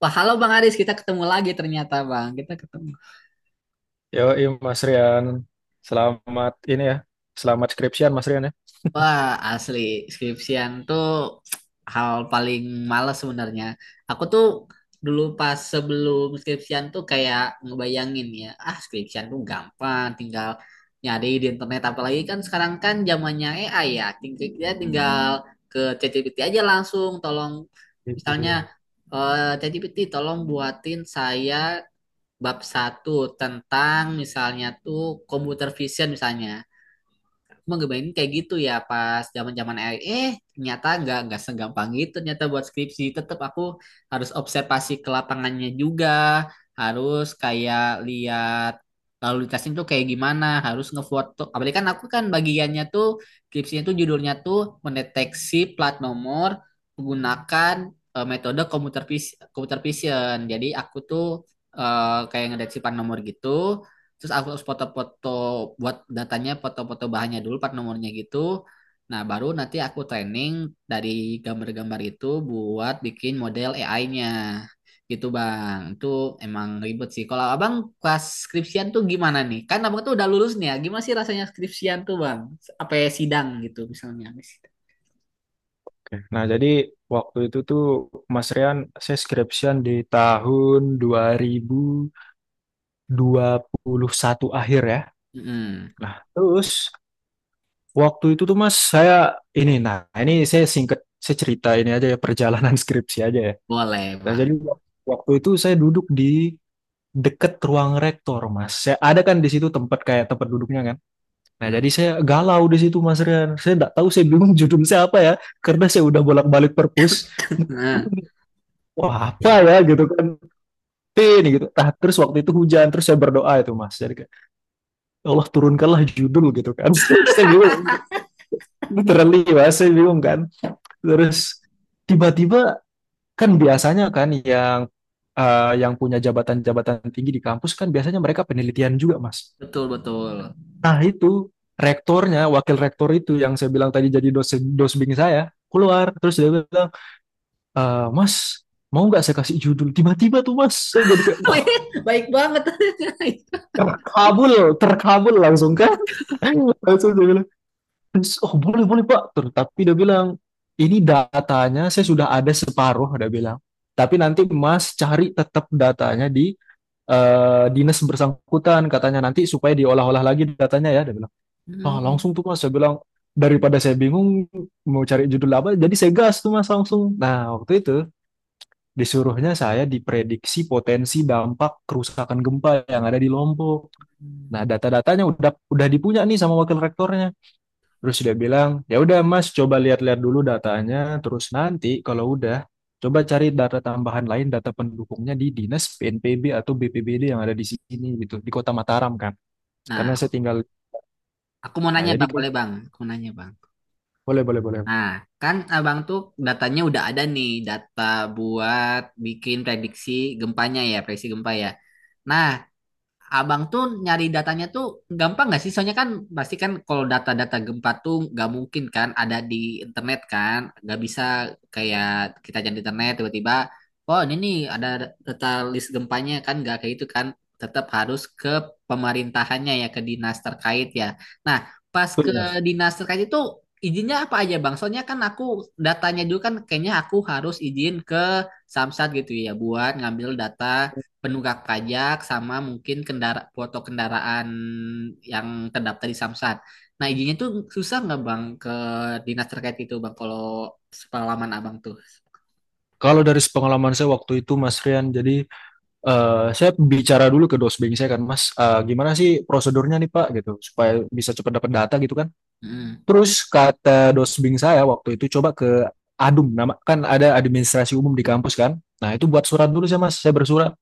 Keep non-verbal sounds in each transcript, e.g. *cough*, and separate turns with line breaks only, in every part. Wah, halo Bang Aris, kita ketemu lagi ternyata Bang. Kita ketemu.
Yoi Mas Rian, selamat ini ya, selamat skripsian Mas Rian ya.
Wah, asli skripsian tuh hal paling males sebenarnya. Aku tuh dulu pas sebelum skripsian tuh kayak ngebayangin ya, ah skripsian tuh gampang, tinggal nyari di internet. Apalagi kan sekarang kan zamannya AI ya, tinggal kita ke ChatGPT aja langsung, tolong
Gitu
misalnya
dia.
ChatGPT tolong buatin saya bab satu tentang misalnya tuh computer vision misalnya. Cuma ngebayangin kayak gitu ya pas zaman-zaman AI. Eh, ternyata nggak segampang gitu ternyata buat skripsi. Tetap aku harus observasi ke lapangannya juga. Harus kayak lihat lalu lintasnya tuh kayak gimana, harus ngefoto. Apalagi kan aku kan bagiannya tuh skripsinya tuh judulnya tuh mendeteksi plat nomor menggunakan metode computer vision. Jadi aku tuh kayak ngedeteksi plat nomor gitu terus aku harus foto-foto buat datanya, foto-foto bahannya dulu part nomornya gitu. Nah, baru nanti aku training dari gambar-gambar itu buat bikin model AI-nya, gitu Bang. Itu emang ribet sih. Kalau Abang kelas skripsian tuh gimana nih? Kan Abang tuh udah lulus nih ya, gimana sih rasanya skripsian tuh Bang, apa ya, sidang gitu misalnya, habis sidang.
Oke. Nah, jadi waktu itu tuh Mas Rian, saya skripsian di tahun dua dua ribu dua puluh satu akhir ya.
Mm-mm.
Nah terus waktu itu tuh Mas, saya ini, nah ini saya singkat, saya cerita ini aja ya perjalanan *laughs* skripsi aja ya.
Boleh
Nah
Bang.
jadi waktu itu saya duduk di deket ruang rektor Mas. Saya ada kan di situ, tempat kayak tempat duduknya kan. Nah jadi saya galau di situ Mas Rian. Saya nggak tahu, saya bingung judul saya apa ya, karena saya udah bolak-balik perpus.
Nah,
Wah apa ya gitu kan, P ini gitu. Nah terus waktu itu hujan, terus saya berdoa itu Mas. Jadi kayak, "Ya Allah, turunkanlah judul gitu kan." *laughs* Saya bingung, literally Mas, saya bingung kan. Terus tiba-tiba kan biasanya kan yang yang punya jabatan-jabatan tinggi di kampus kan biasanya mereka penelitian juga, Mas.
betul, betul.
Nah, itu rektornya, wakil rektor itu yang saya bilang tadi jadi dosen dosbing saya, keluar terus dia bilang, "Eh, Mas, mau nggak saya kasih judul?" Tiba-tiba tuh Mas, saya jadi kayak, "Wah,
*laughs* Baik banget. *laughs*
terkabul, terkabul langsung kan." *laughs* Langsung dia bilang, "Terus," "Oh, boleh, boleh, Pak." Terus, tapi dia bilang, "Ini datanya saya sudah ada separuh," dia bilang. Tapi nanti Mas cari tetap datanya di dinas bersangkutan, katanya, nanti supaya diolah-olah lagi datanya ya dia bilang. Ah langsung tuh
Hmm.
Mas saya bilang, daripada saya bingung mau cari judul apa, jadi saya gas tuh Mas langsung. Nah waktu itu disuruhnya saya diprediksi potensi dampak kerusakan gempa yang ada di Lombok. Nah data-datanya udah dipunya nih sama wakil rektornya. Terus dia bilang, ya udah Mas, coba lihat-lihat dulu datanya. Terus nanti kalau udah, coba cari data tambahan lain, data pendukungnya di dinas PNPB atau BPBD yang ada di sini gitu, di Kota Mataram kan.
Nah,
Karena
aku.
saya tinggal.
Aku mau
Nah,
nanya
jadi
Bang,
kayak
boleh Bang? Aku mau nanya Bang.
boleh, boleh, boleh.
Nah, kan Abang tuh datanya udah ada nih, data buat bikin prediksi gempanya ya, prediksi gempa ya. Nah, Abang tuh nyari datanya tuh gampang nggak sih? Soalnya kan pasti kan kalau data-data gempa tuh nggak mungkin kan ada di internet kan, nggak bisa kayak kita cari di internet tiba-tiba, oh ini nih ada data list gempanya, kan nggak kayak itu kan, tetap harus ke pemerintahannya ya, ke dinas terkait ya. Nah, pas ke
Betul, Mas.
dinas terkait itu izinnya apa aja Bang? Soalnya kan aku datanya dulu kan kayaknya aku harus izin ke Samsat gitu ya, buat ngambil data penunggak pajak sama mungkin kendara, foto kendaraan yang terdaftar di Samsat. Nah, izinnya tuh susah nggak Bang ke dinas terkait itu Bang, kalau sepengalaman Abang tuh.
Kalau dari pengalaman saya waktu itu, Mas Rian, jadi saya bicara dulu ke dosbing saya kan, Mas, gimana sih prosedurnya nih Pak gitu, supaya bisa cepat dapat data gitu kan.
Hmm.
Terus kata dosbing saya waktu itu, coba ke ADUM, nama kan ada administrasi umum di kampus kan. Nah itu buat surat dulu saya Mas, saya bersurat.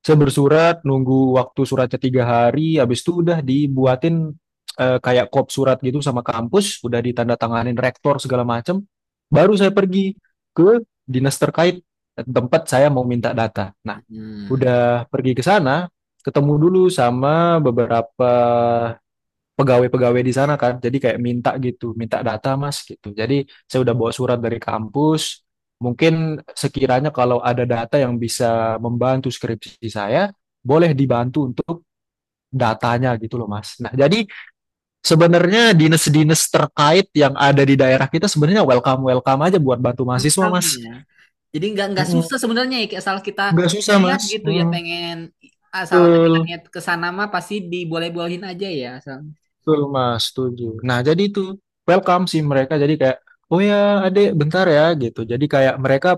Saya bersurat, nunggu waktu suratnya 3 hari, habis itu udah dibuatin kayak kop surat gitu sama kampus, udah ditandatanganin rektor segala macem. Baru saya pergi ke dinas terkait tempat saya mau minta data. Nah
Hmm.
udah pergi ke sana, ketemu dulu sama beberapa pegawai-pegawai di sana kan. Jadi kayak minta gitu, minta data Mas gitu. Jadi saya udah bawa surat dari kampus. Mungkin sekiranya kalau ada data yang bisa membantu skripsi saya, boleh dibantu untuk datanya gitu loh Mas. Nah, jadi sebenarnya dinas-dinas terkait yang ada di daerah kita sebenarnya welcome-welcome aja buat bantu mahasiswa
Rekam
Mas.
ya. Jadi nggak
Mm-mm.
susah sebenarnya ya, asal kita
Nggak susah
niat
Mas.
gitu ya,
Mm,
pengen, asal kita
betul.
niat ke sana mah pasti diboleh-bolehin aja ya, asal.
Betul Mas, setuju. Nah jadi itu welcome sih mereka. Jadi kayak oh ya adek bentar ya gitu. Jadi kayak mereka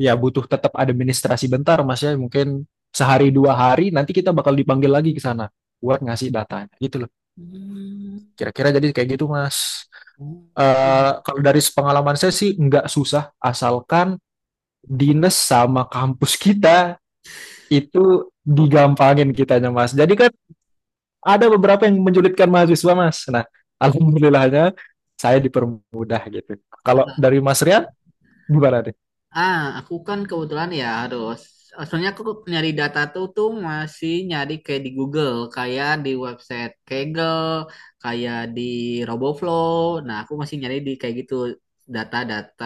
ya butuh tetap administrasi bentar Mas ya. Mungkin sehari 2 hari nanti kita bakal dipanggil lagi ke sana buat ngasih datanya gitu loh.
Hmm.
Kira-kira jadi kayak gitu Mas.
Oh, berarti.
Kalau dari pengalaman saya sih nggak susah, asalkan dinas sama kampus kita itu digampangin kitanya Mas. Jadi kan ada beberapa yang menyulitkan mahasiswa Mas. Nah, *laughs* alhamdulillahnya saya dipermudah gitu. Kalau dari Mas Rian gimana nih?
Ah, aku kan kebetulan ya harus. Soalnya aku nyari data tuh tuh masih nyari kayak di Google, kayak di website Kaggle, kayak di RoboFlow. Nah, aku masih nyari di kayak gitu, data-data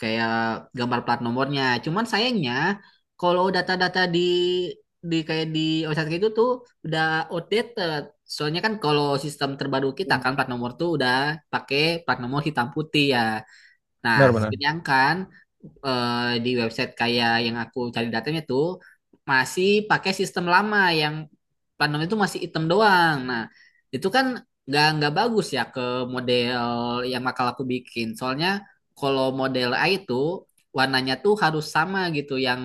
kayak gambar plat nomornya. Cuman sayangnya kalau data-data di kayak di website kayak gitu tuh udah outdated. Soalnya kan kalau sistem terbaru kita kan plat nomor tuh udah pakai plat nomor hitam putih ya. Nah,
Benar benar.
sedangkan di website kayak yang aku cari datanya tuh masih pakai sistem lama yang plat nomor itu masih hitam doang. Nah, itu kan nggak bagus ya ke model yang bakal aku bikin. Soalnya kalau model A itu warnanya tuh harus sama gitu yang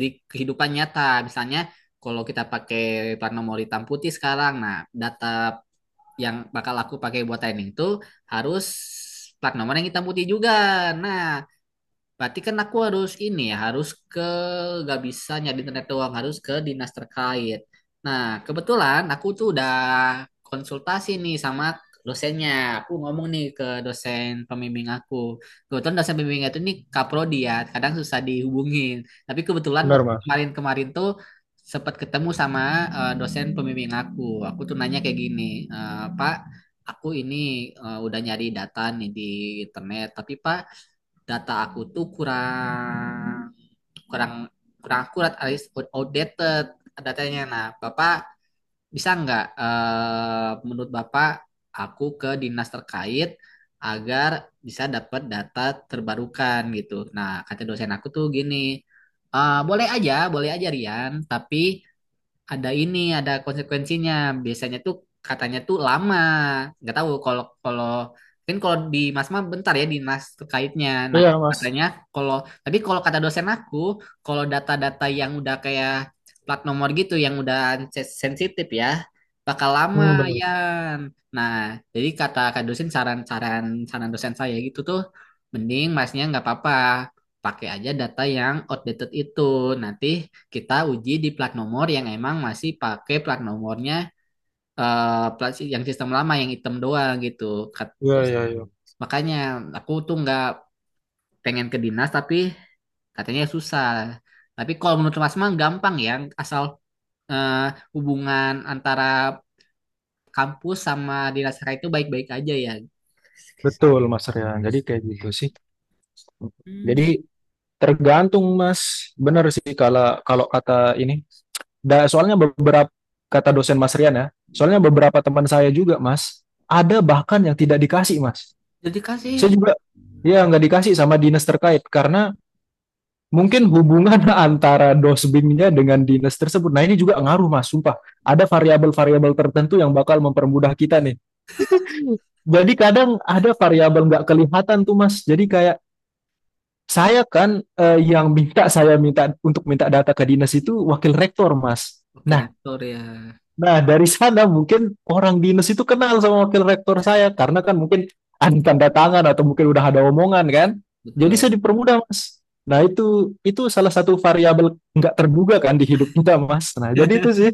di kehidupan nyata. Misalnya kalau kita pakai plat nomor hitam putih sekarang, nah, data yang bakal aku pakai buat training tuh harus plat nomor yang hitam putih juga. Nah, berarti kan aku harus ini ya, harus ke, gak bisa nyari internet doang, harus ke dinas terkait. Nah, kebetulan aku tuh udah konsultasi nih sama dosennya. Aku ngomong nih ke dosen pembimbing aku. Kebetulan dosen pembimbing itu nih kaprodi ya, kadang susah dihubungin. Tapi kebetulan
Benar,
waktu
Mas.
kemarin-kemarin tuh sempat ketemu sama dosen pembimbing aku. Aku tuh nanya kayak gini, "Eh, Pak, aku ini udah nyari data nih di internet, tapi Pak, data aku tuh kurang, kurang kurang akurat, alias outdated datanya. Nah, Bapak bisa nggak, menurut Bapak aku ke dinas terkait agar bisa dapat data terbarukan gitu." Nah, kata dosen aku tuh gini, "Eh, boleh aja Rian, tapi ada ini, ada konsekuensinya. Biasanya tuh katanya tuh lama. Nggak tahu kalau kalau mungkin kalau di Masma bentar ya dinas terkaitnya." Nah,
Iya, Mas.
katanya kalau, tapi kalau kata dosen aku, kalau data-data yang udah kayak plat nomor gitu yang udah sensitif ya bakal lama
Hmm, benar.
ya. Nah, jadi kata kak dosen, saran dosen saya gitu tuh, mending masnya nggak apa-apa pakai aja data yang outdated itu. Nanti kita uji di plat nomor yang emang masih pakai plat nomornya eh, yang sistem lama yang hitam doang gitu.
Iya,
Terus
iya, iya.
makanya aku tuh nggak pengen ke dinas tapi katanya susah. Tapi kalau menurut Mas mah gampang ya, asal eh, hubungan antara kampus sama dinas raya itu baik-baik aja ya.
Betul Mas Rian. Jadi kayak gitu sih.
Hmm,
Jadi tergantung Mas. Benar sih kalau kalau kata ini. Da, soalnya beberapa kata dosen Mas Rian ya. Soalnya beberapa teman saya juga Mas. Ada bahkan yang tidak dikasih Mas.
jadi kasih.
Saya juga ya nggak dikasih sama dinas terkait karena mungkin hubungan *laughs* antara dosbingnya dengan dinas tersebut. Nah ini juga ngaruh Mas, sumpah. Ada variabel-variabel tertentu yang bakal mempermudah kita nih. Jadi kadang ada variabel nggak kelihatan tuh Mas. Jadi kayak saya kan yang minta, saya minta untuk minta data ke dinas itu wakil rektor Mas.
Oke,
Nah
rektor ya.
Nah, dari sana mungkin orang dinas itu kenal sama wakil rektor saya karena kan mungkin ada tanda tangan atau mungkin udah ada omongan kan. Jadi
Betul.
saya dipermudah, Mas. Nah, itu salah satu variabel nggak terduga kan di hidup kita, Mas. Nah, jadi itu sih,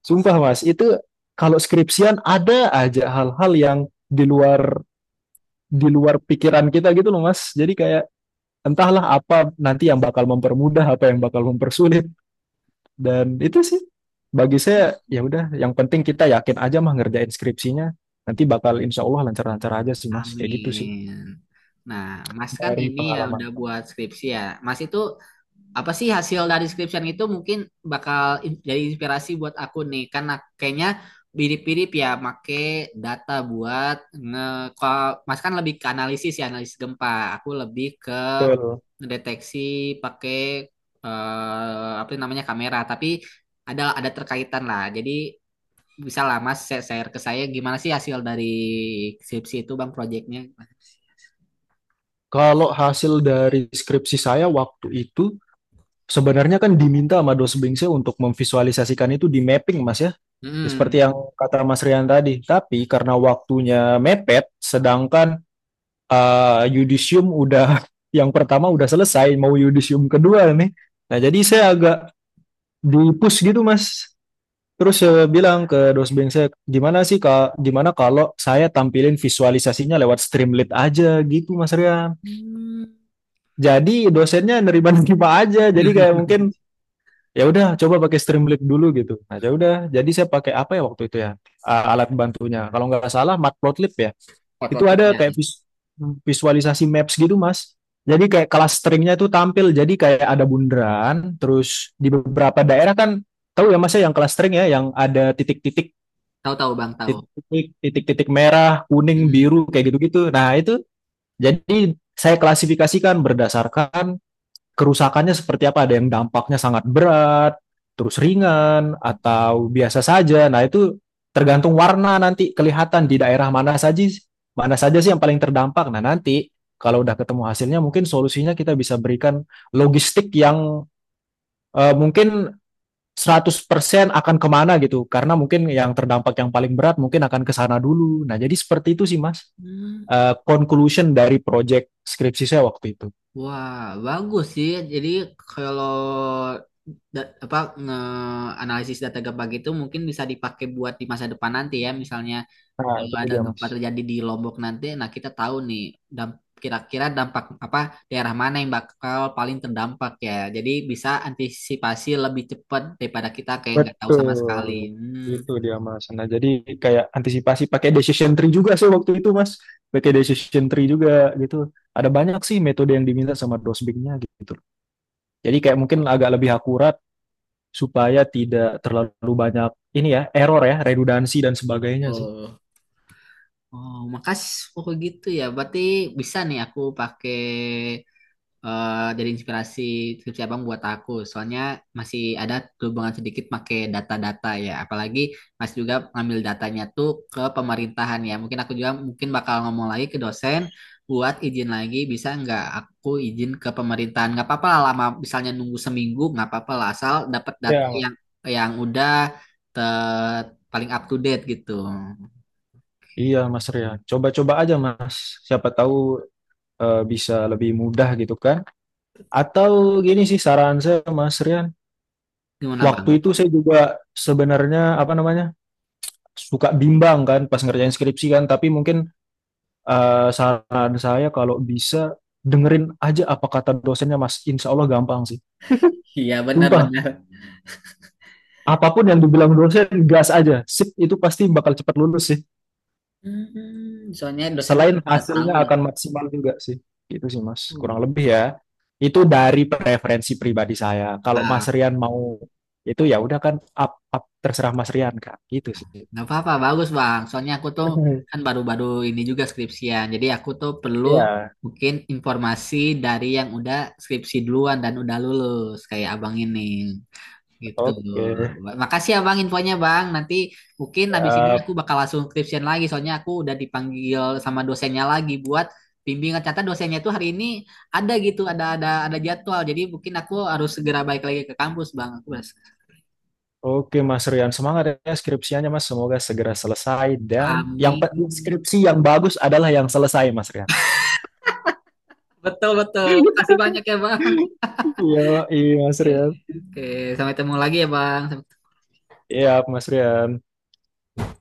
sumpah, Mas, itu kalau skripsian ada aja hal-hal yang di luar di luar pikiran kita gitu loh, Mas. Jadi kayak entahlah apa nanti yang bakal mempermudah, apa yang bakal mempersulit, dan itu sih bagi saya ya udah, yang penting kita yakin aja mah ngerjain skripsinya, nanti bakal insya Allah lancar-lancar aja sih Mas kayak gitu sih,
Amin. Nah, Mas kan
dari
ini ya
pengalaman.
udah buat skripsi ya. Mas itu apa sih hasil dari skripsian itu, mungkin bakal in- jadi inspirasi buat aku nih. Karena kayaknya mirip-mirip ya make data buat nge, kalau Mas kan lebih ke analisis ya, analisis gempa. Aku lebih ke
Betul.
deteksi pakai apa namanya, kamera, tapi ada terkaitan lah. Jadi bisa lah Mas share share ke saya gimana sih hasil dari skripsi itu Bang, proyeknya.
Kalau hasil dari skripsi saya waktu itu, sebenarnya kan diminta sama dosen bimbing untuk memvisualisasikan itu di mapping Mas ya,
Mm-mm.
seperti yang kata Mas Rian tadi, tapi karena waktunya mepet, sedangkan yudisium udah *laughs* yang pertama udah selesai mau yudisium kedua nih. Nah, jadi saya agak di push gitu Mas, terus saya bilang ke dosen saya, gimana sih kak, gimana kalau saya tampilin visualisasinya lewat Streamlit aja gitu Mas Rian.
Hmm.
Jadi dosennya nerima-nerima aja, jadi kayak mungkin
*laughs*
ya udah coba pakai Streamlit dulu gitu. Nah ya udah jadi saya pakai apa ya waktu itu ya, alat bantunya kalau nggak salah Matplotlib ya.
Spot
Itu
work
ada
tripnya.
kayak visualisasi maps gitu Mas. Jadi kayak kelas stringnya itu tampil, jadi kayak ada bundaran terus di beberapa daerah kan, tahu ya Mas ya, yang kelas, ya yang ada
Tahu, tahu Bang, tahu.
titik-titik merah kuning
Mm.
biru kayak gitu-gitu, nah itu jadi saya klasifikasikan berdasarkan kerusakannya seperti apa. Ada yang dampaknya sangat berat, terus ringan, atau biasa saja. Nah, itu tergantung warna nanti kelihatan di daerah mana saja, mana saja sih yang paling terdampak. Nah, nanti kalau udah ketemu hasilnya mungkin solusinya kita bisa berikan logistik yang mungkin 100% akan kemana gitu, karena mungkin yang terdampak yang paling berat mungkin akan ke sana dulu. Nah, jadi seperti itu sih Mas.
Hmm.
Conclusion dari project skripsi saya waktu itu.
Wah, bagus sih. Jadi kalau da- apa, nge-analisis data gempa gitu mungkin bisa dipakai buat di masa depan nanti ya. Misalnya
Nah,
kalau
itu
ada
dia Mas.
gempa terjadi di Lombok nanti, nah, kita tahu nih, damp- kira-kira dampak apa, daerah mana yang bakal paling terdampak ya. Jadi bisa antisipasi lebih cepat daripada kita kayak nggak tahu sama sekali.
Betul.
Hmm,
Itu dia Mas. Nah, jadi kayak antisipasi pakai decision tree juga sih waktu itu Mas. Pakai decision tree juga gitu. Ada banyak sih metode yang diminta sama dosbingnya gitu. Jadi kayak mungkin agak lebih akurat supaya tidak terlalu banyak ini ya, error ya, redundansi dan sebagainya sih.
betul. Oh, makasih. Oh, gitu ya. Berarti bisa nih aku pakai dari inspirasi skripsi Abang buat aku. Soalnya masih ada hubungan sedikit pakai data-data ya. Apalagi Mas juga ngambil datanya tuh ke pemerintahan ya. Mungkin aku juga mungkin bakal ngomong lagi ke dosen buat izin lagi. Bisa nggak aku izin ke pemerintahan? Nggak apa-apa lah lama. Misalnya nunggu seminggu nggak apa-apa lah. Asal dapat data
Ya, Mas.
yang udah ter, paling up to date gitu. Oke.
Iya Mas Rian. Coba-coba aja Mas. Siapa tahu bisa lebih mudah gitu kan. Atau gini sih saran saya Mas Rian.
Gimana Bang?
Waktu itu saya juga sebenarnya apa namanya, suka bimbang kan pas ngerjain skripsi kan, tapi mungkin saran saya kalau bisa dengerin aja apa kata dosennya Mas, insya Allah gampang sih.
Iya,
Sumpah,
benar-benar.
apapun yang dibilang dosen, gas aja. Sip, itu pasti bakal cepat lulus sih.
Hmm, soalnya dosennya
Selain
tidak tahu
hasilnya
ya.
akan maksimal juga sih. Gitu sih Mas, kurang
Hmm.
lebih ya. Itu dari preferensi pribadi saya. Kalau
Nah,
Mas Rian mau itu ya udah kan, up terserah Mas Rian kan. Gitu sih.
nggak apa-apa, bagus Bang. Soalnya aku tuh
*laughs*
kan baru-baru ini juga skripsian, jadi aku tuh perlu
Ya,
mungkin informasi dari yang udah skripsi duluan dan udah lulus kayak Abang ini. Gitu.
oke.
Makasih ya Bang, infonya Bang. Nanti mungkin habis ini
Ya,
aku bakal langsung skripsian lagi soalnya aku udah dipanggil sama dosennya lagi buat bimbingan. Ternyata dosennya tuh hari ini ada gitu, ada jadwal. Jadi mungkin aku harus segera balik lagi ke kampus Bang. Aku harus-.
oke Mas Rian, semangat ya skripsianya Mas. Semoga segera selesai, dan yang
Amin.
skripsi yang bagus adalah yang selesai Mas Rian.
Betul, betul. Makasih banyak ya Bang.
Iya, iya Mas
Oke,
Rian.
oke. Sampai ketemu lagi ya Bang.
Iya Mas Rian.